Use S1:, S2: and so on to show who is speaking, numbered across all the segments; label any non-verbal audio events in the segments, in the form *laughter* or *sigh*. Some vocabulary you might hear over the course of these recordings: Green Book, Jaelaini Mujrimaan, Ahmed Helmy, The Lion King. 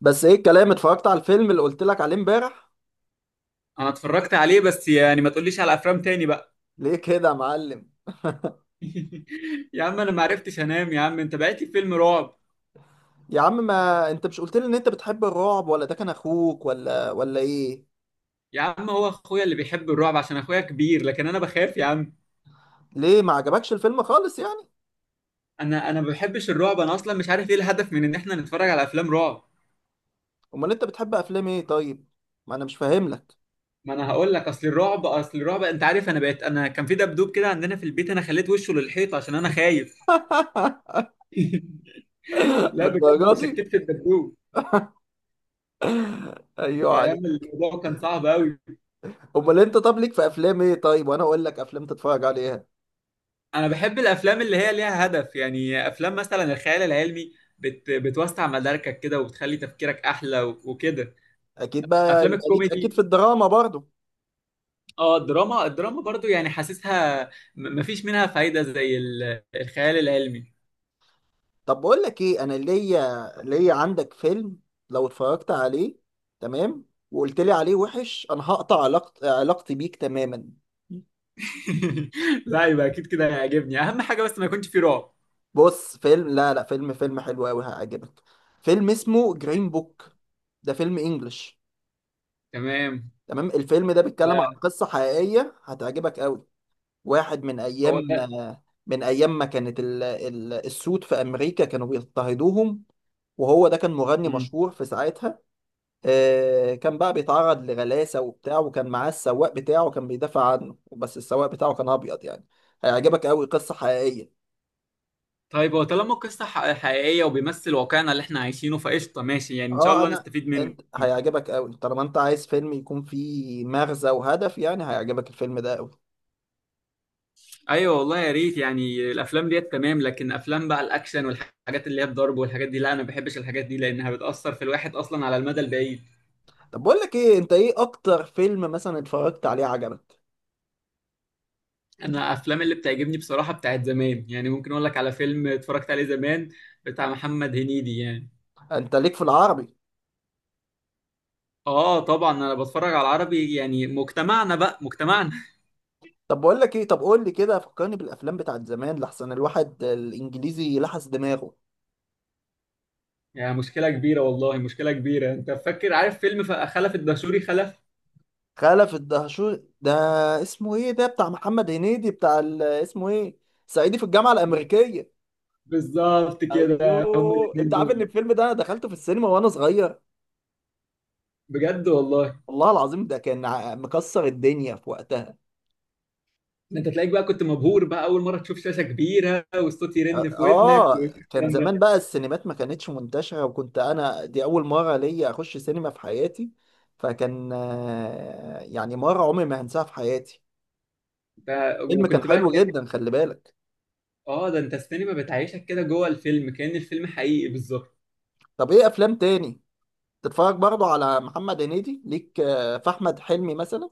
S1: بس ايه الكلام، اتفرجت على الفيلم اللي قلت لك عليه امبارح.
S2: انا اتفرجت عليه، بس يعني ما تقوليش على افلام تاني بقى.
S1: ليه كده يا معلم؟
S2: يا عم انا ما عرفتش انام، يا عم انت بعت لي فيلم رعب.
S1: يا عم ما انت مش قلت لي ان انت بتحب الرعب، ولا ده كان اخوك ولا ايه؟
S2: يا عم هو اخويا اللي بيحب الرعب عشان اخويا كبير، لكن انا بخاف يا عم.
S1: ليه ما عجبكش الفيلم خالص يعني؟
S2: انا ما بحبش الرعب، انا اصلا مش عارف ايه الهدف من ان احنا نتفرج على افلام رعب.
S1: امال انت بتحب افلام ايه طيب؟ ما انا مش فاهم لك.
S2: ما انا هقول لك، اصل الرعب انت عارف، انا بقيت، انا كان في دبدوب كده عندنا في البيت، انا خليت وشه للحيط عشان انا خايف. *laughs*
S1: *laughs*
S2: لا بجد،
S1: للدرجه
S2: انا
S1: دي؟
S2: شكيت في الدبدوب. ده،
S1: ايوه عليك.
S2: ايام الموضوع كان صعب قوي.
S1: امال انت، طب ليك في افلام ايه طيب، وانا اقول لك افلام تتفرج عليها.
S2: انا بحب الافلام اللي هي ليها هدف، يعني افلام مثلا الخيال العلمي، بتوسع مداركك كده وبتخلي تفكيرك احلى و... وكده.
S1: اكيد بقى،
S2: افلام
S1: يبقى ليك اكيد في
S2: الكوميدي.
S1: الدراما برضو.
S2: اه، الدراما برضو يعني حاسسها م... مفيش منها فايدة زي ال... الخيال العلمي.
S1: طب بقول لك ايه، انا ليا عندك فيلم. لو اتفرجت عليه، تمام، وقلت لي عليه وحش، انا هقطع علاقتي بيك تماما.
S2: *laughs* لا، يبقى اكيد كده هيعجبني، اهم حاجة بس ما يكونش فيه رعب.
S1: بص فيلم، لا فيلم حلو قوي هيعجبك. فيلم اسمه جرين بوك. ده فيلم انجلش.
S2: تمام.
S1: تمام. الفيلم ده بيتكلم عن
S2: آه،
S1: قصة حقيقية، هتعجبك قوي. واحد من ايام،
S2: هو ده.
S1: من ايام ما كانت السود في امريكا كانوا بيضطهدوهم. وهو ده كان مغني
S2: مم.
S1: مشهور في ساعتها. كان بقى بيتعرض لغلاسة وبتاع، وكان معاه السواق بتاعه كان بيدافع عنه، بس السواق بتاعه كان أبيض يعني. هيعجبك أوي، قصة حقيقية.
S2: طيب، هو طالما القصة حقيقية وبيمثل واقعنا اللي احنا عايشينه، فقشطة ماشي، يعني ان شاء
S1: اه
S2: الله
S1: أنا،
S2: نستفيد منه.
S1: أنت هيعجبك أوي طالما أنت عايز فيلم يكون فيه مغزى وهدف، يعني هيعجبك الفيلم ده أوي.
S2: ايوه والله يا ريت، يعني الافلام ديت تمام، لكن افلام بقى الاكشن والحاجات اللي هي الضرب والحاجات دي لا، انا ما بحبش الحاجات دي لانها بتاثر في الواحد اصلا على المدى البعيد.
S1: طب بقول لك إيه، أنت إيه أكتر فيلم مثلا اتفرجت عليه عجبك؟
S2: انا افلام اللي بتعجبني بصراحه بتاعت زمان، يعني ممكن اقول لك على فيلم اتفرجت عليه زمان، بتاع محمد هنيدي يعني.
S1: أنت ليك في العربي؟
S2: اه طبعا، انا بتفرج على العربي، يعني مجتمعنا بقى مجتمعنا.
S1: طب بقول لك إيه، طب قول لي كده فكرني بالأفلام بتاعت زمان، لحسن الواحد الإنجليزي لحس دماغه.
S2: *laughs* يعني مشكله كبيره والله، مشكله كبيره. انت فاكر، عارف فيلم خلف الدشوري
S1: خلف الدهشور ده، اسمه ايه ده بتاع محمد هنيدي بتاع اسمه ايه؟ صعيدي في الجامعة
S2: ب-
S1: الأمريكية.
S2: بالظبط كده، هما
S1: ايوه.
S2: الاثنين
S1: انت عارف ان
S2: دول.
S1: الفيلم ده انا دخلته في السينما وانا صغير؟
S2: بجد والله،
S1: والله العظيم ده كان مكسر الدنيا في وقتها.
S2: ده انت تلاقيك بقى كنت مبهور بقى، اول مره تشوف شاشه كبيره والصوت يرن في ودنك
S1: اه كان
S2: والكلام
S1: زمان
S2: ده.
S1: بقى السينمات ما كانتش منتشرة، وكنت انا دي اول مرة ليا اخش سينما في حياتي. فكان يعني مرة عمري ما هنساها في حياتي.
S2: ف...
S1: الفيلم كان
S2: وكنت بقى
S1: حلو
S2: كان،
S1: جدا، خلي بالك.
S2: اه ده انت السينما بتعيشك كده جوه الفيلم، كان الفيلم حقيقي بالظبط.
S1: طب ايه افلام تاني تتفرج برضو على محمد هنيدي؟ ليك في احمد حلمي مثلا؟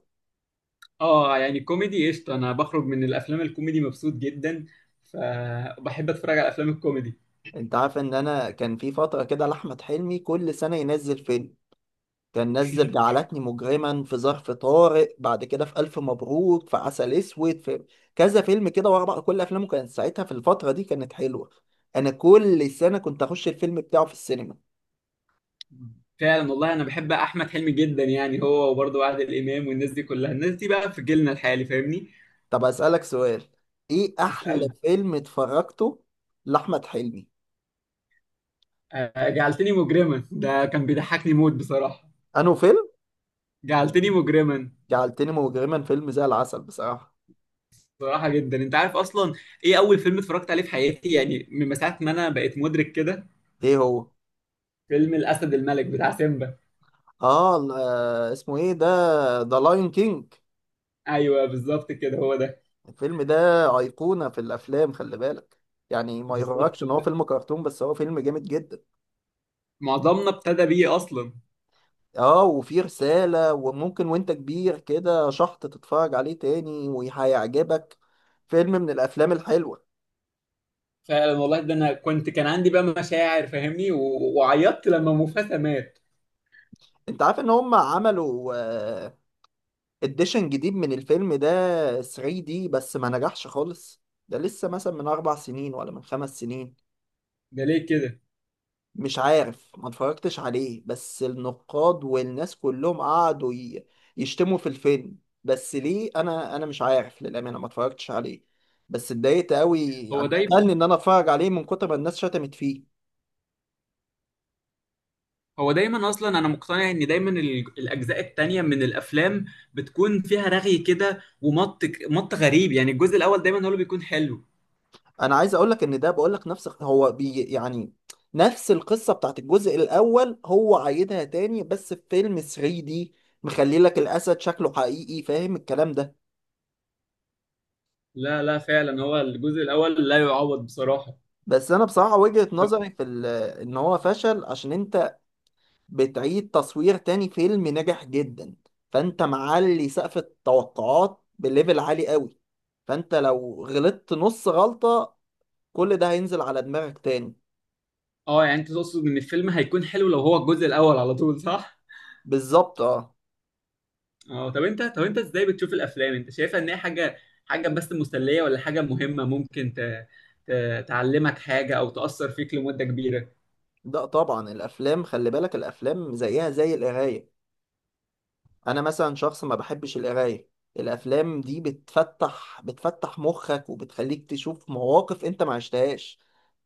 S2: اه يعني كوميدي قشطه، انا بخرج من الافلام الكوميدي مبسوط جدا، فبحب اتفرج على افلام الكوميدي.
S1: انت عارف ان انا كان في فتره كده لاحمد حلمي كل سنه ينزل فيلم؟ كان نزل جعلتني مجرما، في ظرف طارق، بعد كده في الف مبروك، في عسل اسود، في كذا فيلم كده ورا بعض. كل افلامه كانت ساعتها في الفتره دي كانت حلوه. انا كل سنه كنت اخش الفيلم بتاعه في السينما.
S2: فعلا والله، انا بحب احمد حلمي جدا، يعني هو وبرضه عادل امام والناس دي كلها، الناس دي بقى في جيلنا الحالي فاهمني.
S1: طب اسالك سؤال، ايه احلى
S2: اسال.
S1: فيلم اتفرجته لاحمد حلمي؟
S2: آه، جعلتني مجرما ده كان بيضحكني موت بصراحه.
S1: انه فيلم؟
S2: جعلتني مجرما.
S1: جعلتني مجرما فيلم زي العسل بصراحه.
S2: صراحة جدا، انت عارف اصلا ايه اول فيلم اتفرجت عليه في حياتي، يعني من ساعة ما انا بقيت مدرك كده؟
S1: ايه هو؟
S2: فيلم الاسد الملك بتاع سيمبا.
S1: اه اسمه ايه ده؟ ذا لاين كينج.
S2: ايوه بالظبط كده، هو ده.
S1: الفيلم ده ايقونه في الافلام، خلي بالك. يعني ما
S2: بالظبط،
S1: يغركش ان هو فيلم كرتون، بس هو فيلم جامد جدا.
S2: معظمنا ابتدى بيه اصلا.
S1: اه وفيه رساله، وممكن وانت كبير كده شحط تتفرج عليه تاني وهيعجبك. فيلم من الافلام الحلوه.
S2: فعلا والله، ده انا كنت كان عندي بقى مشاعر فاهمني، و- وعيطت لما مufasa مات.
S1: انت عارف ان هم عملوا اديشن جديد من الفيلم ده 3 دي، بس ما نجحش خالص. ده لسه مثلا من اربع سنين ولا من خمس سنين.
S2: ده ليه كده؟
S1: مش عارف، ما اتفرجتش عليه، بس النقاد والناس كلهم قعدوا يشتموا في الفيلم. بس ليه؟ انا مش عارف للامانه، ما اتفرجتش عليه، بس اتضايقت قوي
S2: هو
S1: يعني. قتلني
S2: دايما
S1: ان انا اتفرج عليه من كتر ما الناس شتمت فيه.
S2: هو دايما اصلا، انا مقتنع ان دايما ال- الاجزاء التانية من الافلام بتكون فيها رغي كده ومط، مط غريب، يعني الجزء الاول دايما هو اللي بيكون حلو.
S1: انا عايز اقول لك ان ده، بقول لك، نفس هو بي يعني، نفس القصه بتاعت الجزء الاول هو عايدها تاني، بس في فيلم 3 دي مخلي لك الاسد شكله حقيقي، فاهم الكلام ده؟
S2: لا لا، فعلا هو الجزء الاول لا يعوض بصراحه.
S1: بس انا بصراحه وجهه
S2: طب،
S1: نظري في ان هو فشل عشان انت بتعيد تصوير تاني فيلم نجح جدا. فانت معلي سقف التوقعات بليفل عالي قوي، فانت لو غلطت نص غلطة كل ده هينزل على دماغك تاني.
S2: اه يعني انت تقصد ان الفيلم هيكون حلو لو هو الجزء الاول على طول، صح؟
S1: بالظبط، اه.
S2: اه طب انت ازاي بتشوف الافلام؟ انت شايفها ان هي حاجه، حاجه بس مسليه، ولا حاجه مهمه ممكن ت... ت... تعلمك حاجه او تاثر فيك لمده كبيره؟
S1: ده طبعا الافلام، خلي بالك، الافلام زيها زي القراية. انا مثلا شخص ما بحبش القراية. الافلام دي بتفتح مخك، وبتخليك تشوف مواقف انت ما عشتهاش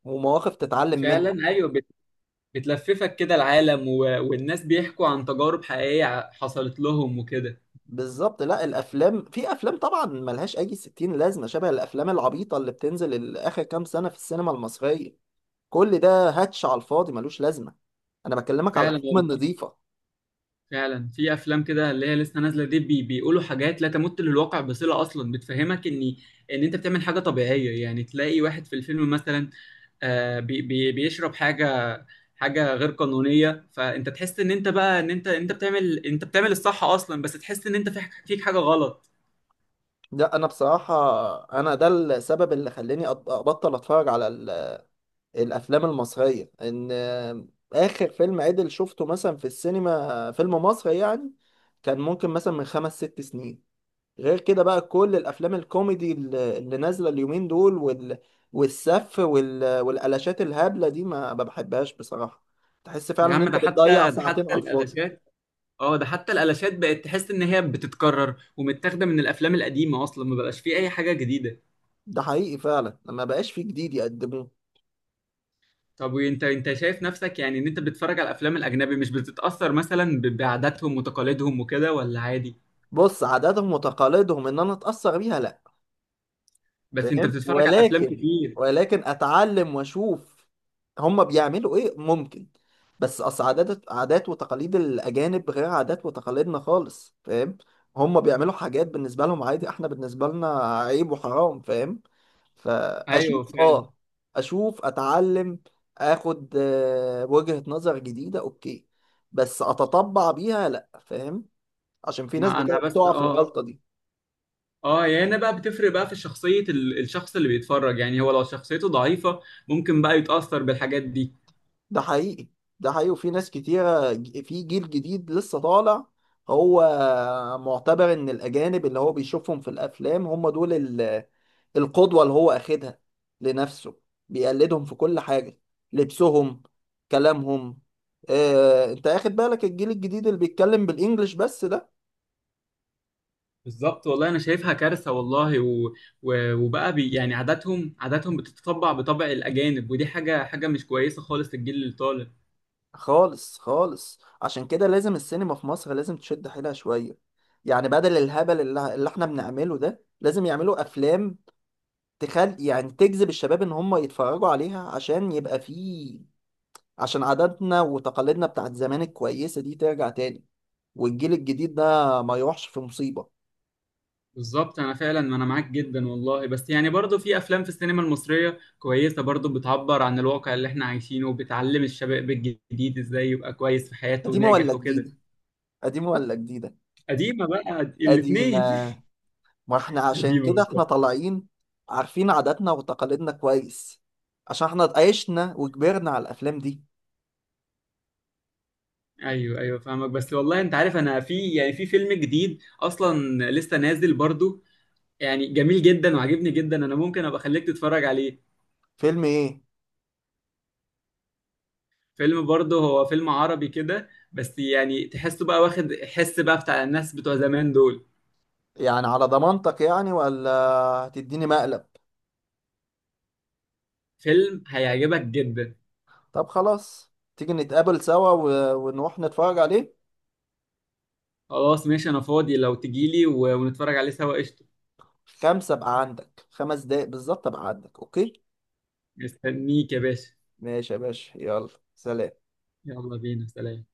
S1: ومواقف تتعلم منها.
S2: فعلا ايوه، بت... بتلففك كده العالم و... والناس بيحكوا عن تجارب حقيقيه حصلت لهم وكده.
S1: بالظبط. لا الافلام، في افلام طبعا ملهاش اي 60 لازمه، شبه الافلام العبيطه اللي بتنزل اخر كام سنه في السينما المصريه. كل ده هاتش على الفاضي، ملوش لازمه. انا بكلمك على
S2: فعلا
S1: الافلام
S2: والله،
S1: النظيفه.
S2: فعلا في افلام كده اللي هي لسه نازله دي بيقولوا حاجات لا تمت للواقع بصله اصلا، بتفهمك ان انت بتعمل حاجه طبيعيه، يعني تلاقي واحد في الفيلم مثلا آه، بي بي بيشرب حاجه، حاجه غير قانونيه، فانت تحس ان انت بقى، ان انت بتعمل انت بتعمل الصح اصلا، بس تحس ان انت في، فيك حاجه غلط.
S1: لا انا بصراحه، انا ده السبب اللي خلاني ابطل اتفرج على الافلام المصريه. ان اخر فيلم عدل شفته مثلا في السينما، فيلم مصري يعني، كان ممكن مثلا من خمس ست سنين. غير كده بقى كل الافلام الكوميدي اللي نازله اليومين دول والسف والقلاشات الهبله دي ما بحبهاش بصراحه. تحس فعلا
S2: يا
S1: ان
S2: عم
S1: انت
S2: ده
S1: بتضيع
S2: حتى ده
S1: ساعتين
S2: حتى
S1: على الفاضي.
S2: الالاشات، اه ده حتى الالاشات بقت تحس ان هي بتتكرر ومتاخده من الافلام القديمه اصلا، ما بقاش فيه اي حاجه جديده.
S1: ده حقيقي فعلا، ما بقاش فيه جديد يقدموه.
S2: طب وانت، انت شايف نفسك يعني ان انت بتتفرج على الافلام الاجنبي مش بتتاثر مثلا ب- بعاداتهم وتقاليدهم وكده، ولا عادي؟
S1: بص، عاداتهم وتقاليدهم ان انا اتاثر بيها لا،
S2: بس انت
S1: فاهم؟
S2: بتتفرج على افلام
S1: ولكن
S2: كتير.
S1: ولكن اتعلم واشوف هم بيعملوا ايه ممكن. بس اصل عادات وتقاليد الاجانب غير عادات وتقاليدنا خالص، فاهم؟ هم بيعملوا حاجات بالنسبه لهم عادي، احنا بالنسبه لنا عيب وحرام، فاهم؟
S2: ايوه
S1: فاشوف
S2: فعلا.
S1: اه، اشوف اتعلم، اخد وجهة نظر جديده، اوكي. بس اتطبع بيها لا، فاهم؟ عشان في ناس
S2: ما انا
S1: بتقع
S2: بس،
S1: بتقع في الغلطه دي.
S2: اه يعني انا بقى بتفرق بقى في شخصيه ال- الشخص اللي بيتفرج، يعني هو لو شخصيته ضعيفه ممكن بقى يتاثر بالحاجات دي.
S1: ده حقيقي. ده حقيقي، وفي ناس كتيرة في جيل جديد لسه طالع، هو معتبر ان الاجانب اللي هو بيشوفهم في الافلام هم دول القدوة اللي هو اخدها لنفسه. بيقلدهم في كل حاجة، لبسهم، كلامهم. اه انت اخد بالك الجيل الجديد اللي بيتكلم بالانجلش بس ده؟
S2: بالظبط والله، انا شايفها كارثه والله، وبقى يعني عاداتهم، عاداتهم بتتطبع بطبع الاجانب، ودي حاجه، حاجه مش كويسه خالص للجيل اللي طالع.
S1: خالص. خالص، عشان كده لازم السينما في مصر لازم تشد حيلها شوية. يعني بدل الهبل اللي احنا بنعمله ده، لازم يعملوا افلام تخل، يعني تجذب الشباب ان هم يتفرجوا عليها، عشان يبقى فيه، عشان عاداتنا وتقاليدنا بتاعت زمان الكويسة دي ترجع تاني، والجيل الجديد ده ما يروحش في مصيبة.
S2: بالظبط، انا فعلا، ما انا معاك جدا والله، بس يعني برضه في افلام في السينما المصريه كويسه برضه بتعبر عن الواقع اللي احنا عايشينه وبتعلم الشباب الجديد ازاي يبقى كويس في حياته
S1: قديمة ولا
S2: وناجح وكده.
S1: جديدة؟ قديمة ولا جديدة؟
S2: قديمه بقى
S1: قديمة.
S2: الاثنين.
S1: ما احنا
S2: *laughs*
S1: عشان
S2: قديمه
S1: كده احنا
S2: بالظبط.
S1: طالعين عارفين عاداتنا وتقاليدنا كويس، عشان احنا عشنا وكبرنا على الافلام دي.
S2: ايوه ايوه فاهمك، بس والله انت عارف، انا في يعني في فيلم جديد اصلا لسه نازل برضه، يعني جميل جدا وعجبني جدا، انا ممكن ابقى اخليك تتفرج عليه.
S1: فيلم ايه؟
S2: فيلم برضه هو فيلم عربي كده، بس يعني تحسه بقى واخد حس بقى بتاع الناس بتوع زمان دول.
S1: يعني على ضمانتك يعني، ولا هتديني مقلب؟
S2: فيلم هيعجبك جدا.
S1: طب خلاص، تيجي نتقابل سوا ونروح نتفرج عليه.
S2: خلاص ماشي، انا فاضي لو تجيلي و- ونتفرج عليه سوا قشطة.
S1: خمسة بقى عندك، خمس دقايق بالظبط بقى عندك، اوكي؟
S2: مستنيك يا باشا.
S1: ماشي يا باشا، يلا سلام.
S2: يلا بينا، سلام.